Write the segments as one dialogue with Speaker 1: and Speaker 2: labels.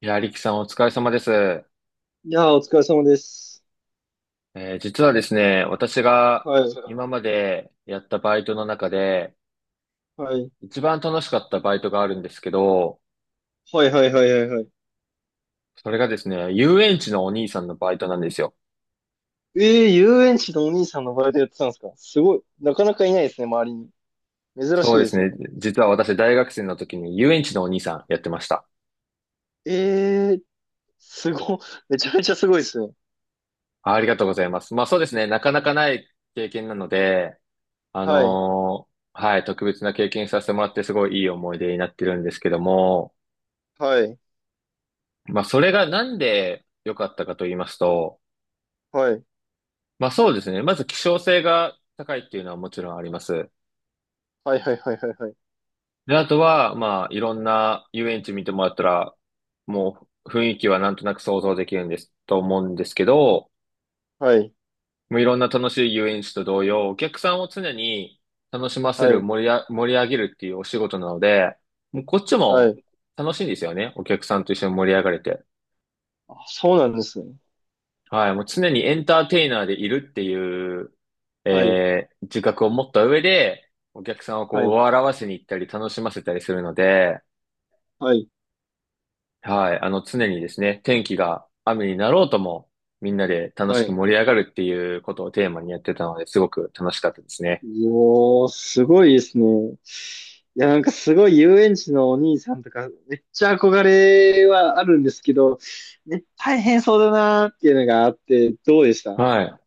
Speaker 1: いや、リキさんお疲れ様です。
Speaker 2: いやー、お疲れ様です。
Speaker 1: 実はですね、私が
Speaker 2: はい。
Speaker 1: 今までやったバイトの中で、
Speaker 2: はい。
Speaker 1: 一番楽しかったバイトがあるんですけど、
Speaker 2: はいはいはいはいはい。
Speaker 1: それがですね、遊園地のお兄さんのバイトなんですよ。
Speaker 2: ええー、遊園地のお兄さんのバイトやってたんですか、すごい。なかなかいないですね、周りに。珍し
Speaker 1: そ
Speaker 2: い
Speaker 1: うで
Speaker 2: で
Speaker 1: す
Speaker 2: すね。
Speaker 1: ね、実は私大学生の時に遊園地のお兄さんやってました。
Speaker 2: ええー、すご、めちゃめちゃすごいですね。
Speaker 1: あありがとうございます。まあそうですね、なかなかない経験なので、
Speaker 2: はい。
Speaker 1: はい、特別な経験させてもらってすごいいい思い出になってるんですけども、
Speaker 2: はい。
Speaker 1: まあそれがなんで良かったかと言いますと、
Speaker 2: はい。
Speaker 1: まあそうですね。まず希少性が高いっていうのはもちろんあります。
Speaker 2: はいはいはいはいはい。
Speaker 1: で、あとは、まあいろんな遊園地見てもらったら、もう雰囲気はなんとなく想像できるんです、と思うんですけど、
Speaker 2: はい。
Speaker 1: もういろんな楽しい遊園地と同様、お客さんを常に楽しませ
Speaker 2: は
Speaker 1: る、
Speaker 2: い。
Speaker 1: 盛り上げるっていうお仕事なので、もうこっち
Speaker 2: は
Speaker 1: も
Speaker 2: い。
Speaker 1: 楽しいんですよね。お客さんと一緒に盛り上がれて。
Speaker 2: あ、そうなんですね。
Speaker 1: はい、もう常にエンターテイナーでいるっていう、
Speaker 2: はい。
Speaker 1: 自覚を持った上で、お客さんをこ
Speaker 2: は
Speaker 1: う
Speaker 2: い。
Speaker 1: 笑わせに行ったり楽しませたりするので、
Speaker 2: はい。
Speaker 1: はい、あの常にですね、天気が雨になろうとも、みんなで楽
Speaker 2: は
Speaker 1: しく
Speaker 2: い。
Speaker 1: 盛り上がるっていうことをテーマにやってたので、すごく楽しかったですね。
Speaker 2: よー、すごいですね。いや、なんかすごい遊園地のお兄さんとか、めっちゃ憧れはあるんですけど、ね、大変そうだなーっていうのがあって、どうでした？
Speaker 1: はい。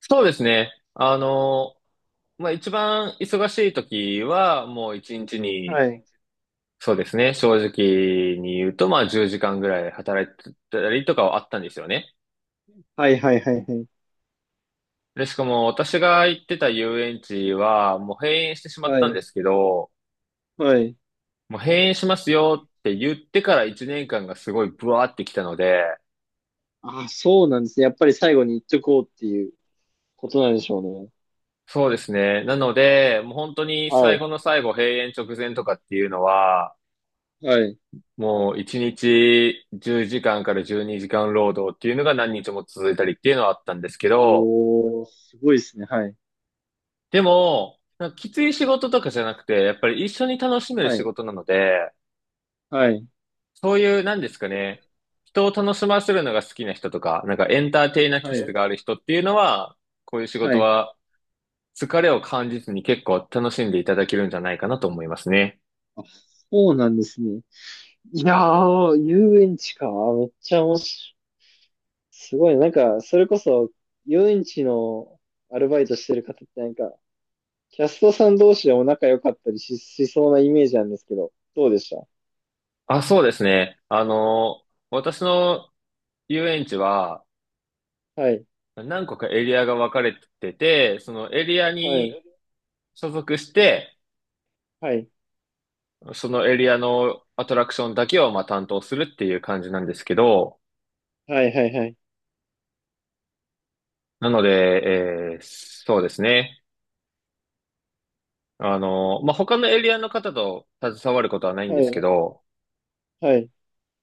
Speaker 1: そうですね。あの、まあ、一番忙しい時は、もう一日に、
Speaker 2: はい。
Speaker 1: そうですね、正直に言うと、まあ、10時間ぐらい働いてたりとかはあったんですよね。
Speaker 2: はいはいはいはい。
Speaker 1: で、しかも私が行ってた遊園地は、もう閉園してしまっ
Speaker 2: は
Speaker 1: たんで
Speaker 2: い。
Speaker 1: すけど、
Speaker 2: はい。
Speaker 1: もう閉園しますよって言ってから1年間がすごいブワーってきたので、
Speaker 2: あ、そうなんですね。やっぱり最後に言っとこうっていうことなんでしょうね。
Speaker 1: そうですね。なので、もう本当に最後
Speaker 2: は
Speaker 1: の最後、閉園直前とかっていうのは、
Speaker 2: い。はい。
Speaker 1: もう1日10時間かんから12時間労働っていうのが何日も続いたりっていうのはあったんですけど、
Speaker 2: おー、すごいですね。はい。
Speaker 1: でも、なんかきつい仕事とかじゃなくて、やっぱり一緒に楽しめる
Speaker 2: は
Speaker 1: 仕
Speaker 2: い。
Speaker 1: 事なので、
Speaker 2: はい。
Speaker 1: そういう、なんですかね、人を楽しませるのが好きな人とか、なんかエンターテイナー気
Speaker 2: はい。
Speaker 1: 質がある人っていうのは、こういう仕
Speaker 2: は
Speaker 1: 事
Speaker 2: い。
Speaker 1: は疲れを感じずに結構楽しんでいただけるんじゃないかなと思いますね。
Speaker 2: あ、そうなんですね。いやー、遊園地か。めっちゃ面白い。すごいね、なんか、それこそ、遊園地のアルバイトしてる方ってなんか、キャストさん同士でも仲良かったりしそうなイメージなんですけど、どうでした？
Speaker 1: あ、そうですね。あの、私の遊園地は
Speaker 2: はい。
Speaker 1: 何個かエリアが分かれてて、そのエリア
Speaker 2: は
Speaker 1: に
Speaker 2: い。
Speaker 1: 所属して、
Speaker 2: はい。
Speaker 1: そのエリアのアトラクションだけをまあ担当するっていう感じなんですけど、
Speaker 2: はい。はい。はい。
Speaker 1: なので、そうですね。あの、まあ、他のエリアの方と携わることはないん
Speaker 2: は
Speaker 1: ですけ
Speaker 2: い。
Speaker 1: ど、
Speaker 2: はい。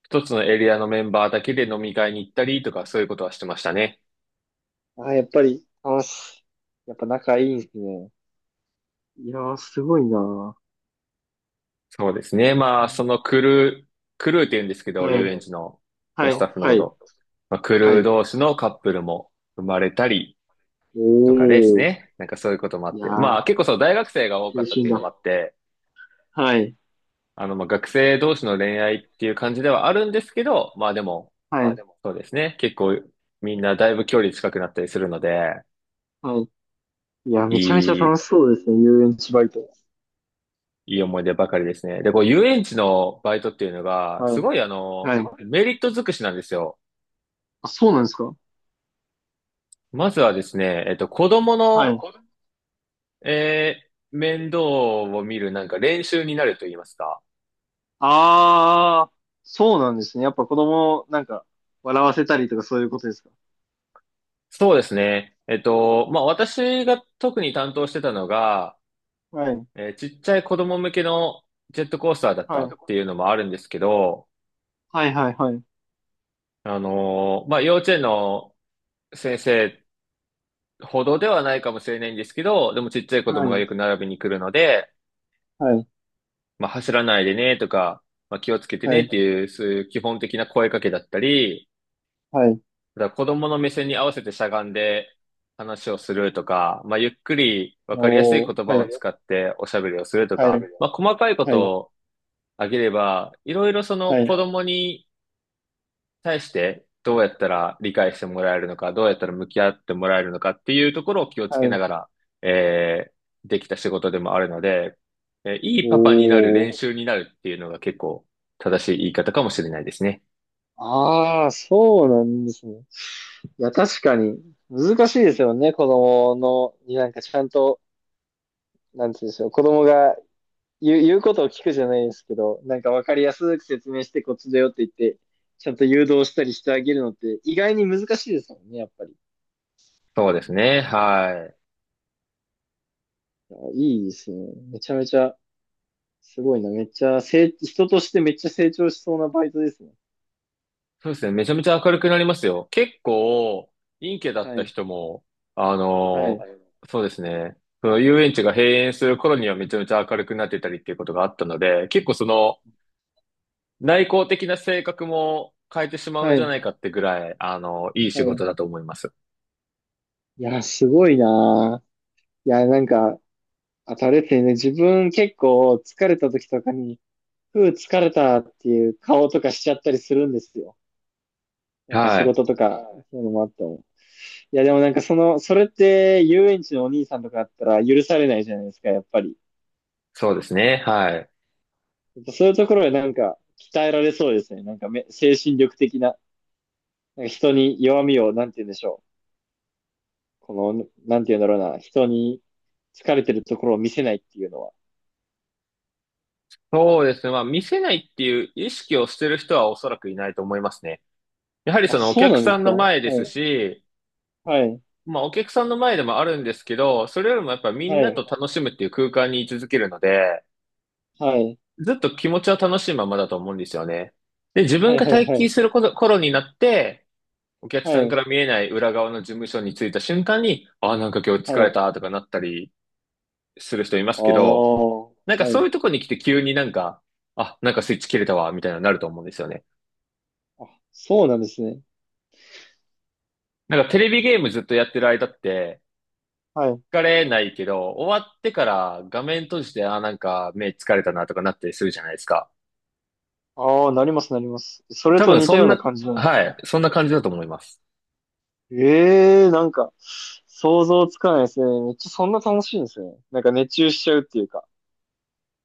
Speaker 1: 一つのエリアのメンバーだけで飲み会に行ったりとかそういうことはしてましたね。
Speaker 2: あ、やっぱり、あ、すやっぱ仲いいんですね。いやー、すごいな
Speaker 1: そうですね。まあ、
Speaker 2: ー。
Speaker 1: クルーって言うんですけど、
Speaker 2: は
Speaker 1: 遊
Speaker 2: い。
Speaker 1: 園地のそ
Speaker 2: は
Speaker 1: のス
Speaker 2: い。
Speaker 1: タッフの
Speaker 2: は
Speaker 1: こ
Speaker 2: い。
Speaker 1: と。まあ、ク
Speaker 2: は
Speaker 1: ルー
Speaker 2: い。
Speaker 1: 同士のカップルも生まれたり
Speaker 2: お
Speaker 1: とかです
Speaker 2: ー。
Speaker 1: ね。なんかそういうこともあ
Speaker 2: い
Speaker 1: っ
Speaker 2: や
Speaker 1: て。まあ、
Speaker 2: ー、
Speaker 1: 結構そう、大学生が多か
Speaker 2: 青
Speaker 1: ったって
Speaker 2: 春
Speaker 1: いうの
Speaker 2: だ。
Speaker 1: もあって、
Speaker 2: はい。
Speaker 1: あの、まあ、学生同士の恋愛っていう感じではあるんですけど、まあでも、
Speaker 2: はい。
Speaker 1: そうですね。結構みんなだいぶ距離近くなったりするので、
Speaker 2: はい。いや、めちゃめちゃ
Speaker 1: い
Speaker 2: 楽
Speaker 1: い、
Speaker 2: しそうですね、遊園地バイト。
Speaker 1: いい思い出ばかりですね。で、こう、遊園地のバイトっていうのが、
Speaker 2: は
Speaker 1: す
Speaker 2: い。
Speaker 1: ごいあの、
Speaker 2: はい。
Speaker 1: メリット尽くしなんですよ。
Speaker 2: あ、そうなんですか？
Speaker 1: まずはですね、子供
Speaker 2: はい。
Speaker 1: の、面倒を見るなんか練習になると言いますか。
Speaker 2: ああ、そうなんですね。やっぱ子供をなんか笑わせたりとかそういうことですか？
Speaker 1: そうですね。えっと、まあ、私が特に担当してたのが、
Speaker 2: はい。
Speaker 1: ちっちゃい子供向けのジェットコースターだっ
Speaker 2: は
Speaker 1: た
Speaker 2: い。
Speaker 1: っていうのもあるんですけど、
Speaker 2: はいはいはい。
Speaker 1: まあ、幼稚園の先生ほどではないかもしれないんですけど、でもちっちゃい子
Speaker 2: は
Speaker 1: 供がよく
Speaker 2: い。
Speaker 1: 並びに来るので、
Speaker 2: はい。
Speaker 1: まあ、走らないでねとか、まあ、気をつけて
Speaker 2: は
Speaker 1: ね
Speaker 2: い。
Speaker 1: っていう、そういう基本的な声かけだったり、
Speaker 2: はい。
Speaker 1: だから子供の目線に合わせてしゃがんで話をするとか、まあ、ゆっくりわかりやすい
Speaker 2: おー。
Speaker 1: 言葉
Speaker 2: は
Speaker 1: を
Speaker 2: い。
Speaker 1: 使っておしゃべりをすると
Speaker 2: はい。は
Speaker 1: か、
Speaker 2: い。
Speaker 1: まあ、細かいことをあげれば、いろいろその
Speaker 2: はい。
Speaker 1: 子供に対してどうやったら理解してもらえるのか、どうやったら向き合ってもらえるのかっていうところを気をつけ
Speaker 2: はい。
Speaker 1: ながら、えできた仕事でもあるので、いいパパになる
Speaker 2: お
Speaker 1: 練
Speaker 2: ー。
Speaker 1: 習になるっていうのが結構正しい言い方かもしれないですね。
Speaker 2: ああ、そうなんですね。いや、確かに難しいですよね。子供の、になんかちゃんと、なんていうんでしょう。子供が言うことを聞くじゃないですけど、なんかわかりやすく説明してこっちだよって言って、ちゃんと誘導したりしてあげるのって意外に難しいですもんね、やっぱり。
Speaker 1: そうですね。はい。
Speaker 2: いや、いいですね。めちゃめちゃ、すごいな。めっちゃ、人としてめっちゃ成長しそうなバイトですね。
Speaker 1: そうですね。めちゃめちゃ明るくなりますよ。結構、陰キャだっ
Speaker 2: は
Speaker 1: た
Speaker 2: い。
Speaker 1: 人も、あ
Speaker 2: はい。
Speaker 1: のそうですね。その遊園地が閉園する頃にはめちゃめちゃ明るくなってたりっていうことがあったので、結構その、内向的な性格も変えてしまうん
Speaker 2: は
Speaker 1: じゃ
Speaker 2: い。
Speaker 1: ないかってぐらい、あの、いい仕
Speaker 2: は
Speaker 1: 事
Speaker 2: い。
Speaker 1: だと思います。
Speaker 2: いや、すごいな。いや、なんか、あとあれですね、自分結構疲れた時とかに、ふう疲れたっていう顔とかしちゃったりするんですよ。なんか
Speaker 1: は
Speaker 2: 仕
Speaker 1: い。
Speaker 2: 事とか、そういうのもあっても。いや、でもなんかその、それって遊園地のお兄さんとかだったら許されないじゃないですか、やっぱり。
Speaker 1: そうですね。はい。
Speaker 2: そういうところでなんか鍛えられそうですね。なんか精神力的な、なんか人に弱みを、なんて言うんでしょう。この、なんて言うんだろうな、人に疲れてるところを見せないっていうのは。
Speaker 1: そうですね。まあ、見せないっていう意識をしてる人はおそらくいないと思いますね。やはり
Speaker 2: あ、
Speaker 1: そのお
Speaker 2: そう
Speaker 1: 客
Speaker 2: なん
Speaker 1: さ
Speaker 2: です
Speaker 1: ん
Speaker 2: か？
Speaker 1: の
Speaker 2: は
Speaker 1: 前です
Speaker 2: い。
Speaker 1: し、
Speaker 2: はい。
Speaker 1: まあ、お客さんの前でもあるんですけど、それよりもやっぱみん
Speaker 2: は
Speaker 1: なと
Speaker 2: い。
Speaker 1: 楽しむっていう空間に居続けるので、
Speaker 2: はい。
Speaker 1: ずっと気持ちは楽しいままだと思うんですよね。で、自
Speaker 2: は
Speaker 1: 分
Speaker 2: い。
Speaker 1: が
Speaker 2: はい。
Speaker 1: 退
Speaker 2: は
Speaker 1: 勤す
Speaker 2: い。
Speaker 1: る頃になって、お客
Speaker 2: は
Speaker 1: さんか
Speaker 2: い。
Speaker 1: ら見えない裏側の事務所に着いた瞬間に、ああ、なんか今日
Speaker 2: は
Speaker 1: 疲れ
Speaker 2: い。
Speaker 1: たとかなったりする人います
Speaker 2: ああ、
Speaker 1: けど、なんか
Speaker 2: は
Speaker 1: そうい
Speaker 2: い。
Speaker 1: うとこに来て急になんか、あ、なんかスイッチ切れたわ、みたいなのになると思うんですよね。
Speaker 2: あ、そうなんですね。
Speaker 1: なんかテレビゲームずっとやってる間って、
Speaker 2: はい。
Speaker 1: 疲れないけど、終わってから画面閉じて、あなんか目疲れたなとかなったりするじゃないですか。
Speaker 2: ああ、なります、なります。それ
Speaker 1: 多
Speaker 2: と
Speaker 1: 分
Speaker 2: 似
Speaker 1: そ
Speaker 2: たよ
Speaker 1: ん
Speaker 2: うな
Speaker 1: な、
Speaker 2: 感じなんです
Speaker 1: は
Speaker 2: ね。
Speaker 1: い、そんな感じだと思います。
Speaker 2: ええー、なんか、想像つかないですね。めっちゃそんな楽しいんですね。なんか熱中しちゃうっていうか。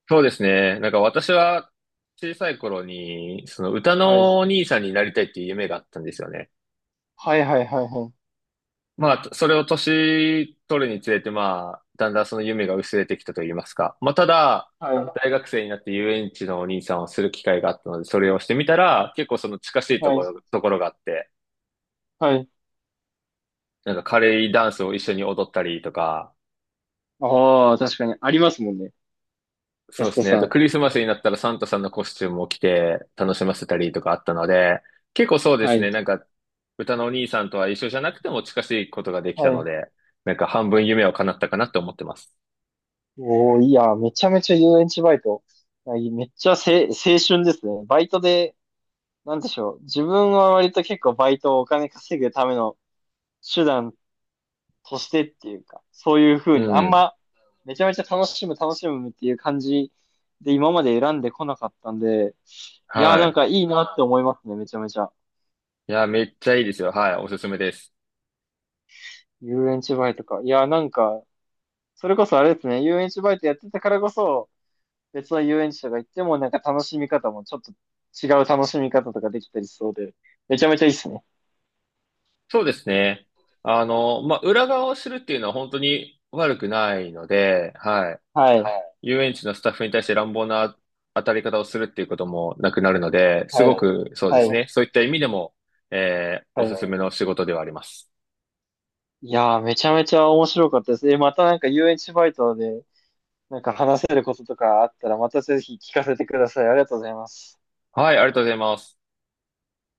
Speaker 1: そうですね。なんか私は小さい頃に、その歌
Speaker 2: はい。
Speaker 1: のお兄さんになりたいっていう夢があったんですよね。
Speaker 2: はいはいはいはい。
Speaker 1: まあ、それを年取るにつれて、まあ、だんだんその夢が薄れてきたと言いますか。まあ、ただ、
Speaker 2: はい。
Speaker 1: 大学生になって遊園地のお兄さんをする機会があったので、それをしてみたら、結構その近しい
Speaker 2: はい。
Speaker 1: ところがあって、
Speaker 2: はい。
Speaker 1: なんかカレーダンスを一緒に踊ったりとか、
Speaker 2: ああ、確かに。ありますもんね。キャ
Speaker 1: そう
Speaker 2: ス
Speaker 1: で
Speaker 2: ト
Speaker 1: すね。あ
Speaker 2: さ
Speaker 1: と
Speaker 2: ん。
Speaker 1: クリスマスになったらサンタさんのコスチュームを着て楽しませたりとかあったので、結構そうで
Speaker 2: は
Speaker 1: すね。
Speaker 2: い。
Speaker 1: なんか、歌のお兄さんとは一緒じゃなくても近しいことができた
Speaker 2: は
Speaker 1: の
Speaker 2: い。
Speaker 1: で、なんか半分夢を叶ったかなって思ってます。
Speaker 2: おー、いや、めちゃめちゃ遊園地バイト。あいいめっちゃせ、青春ですね。バイトで、なんでしょう。自分は割と結構バイトをお金稼ぐための手段としてっていうか、そういう
Speaker 1: う
Speaker 2: 風にあん
Speaker 1: ん。
Speaker 2: ま、めちゃめちゃ楽しむ、楽しむっていう感じで今まで選んでこなかったんで、いやー、
Speaker 1: は
Speaker 2: なん
Speaker 1: い。
Speaker 2: かいいなって思いますね、めちゃめちゃ。
Speaker 1: いや、めっちゃいいですよ。はい、おすすめです。
Speaker 2: 遊園地バイトか。いやー、なんか、それこそあれですね、遊園地バイトやってたからこそ、別の遊園地とか行ってもなんか楽しみ方もちょっと違う楽しみ方とかできたりしそうで、めちゃめちゃいいっすね。
Speaker 1: そうですね。あの、まあ、裏側を知るっていうのは本当に悪くないので、はい。
Speaker 2: はい。
Speaker 1: 遊園地のスタッフに対して乱暴な当たり方をするっていうこともなくなるので、す
Speaker 2: い。。
Speaker 1: ご
Speaker 2: ど。
Speaker 1: くそうで
Speaker 2: は
Speaker 1: す
Speaker 2: い。
Speaker 1: ね。そういった意味でも、お
Speaker 2: はい。
Speaker 1: すすめの仕事ではあります。
Speaker 2: いやー、めちゃめちゃ面白かったです。え、またなんか遊園地バイトでなんか話せることとかあったらまたぜひ聞かせてください。ありがとうございます。
Speaker 1: はい、ありがとうございます。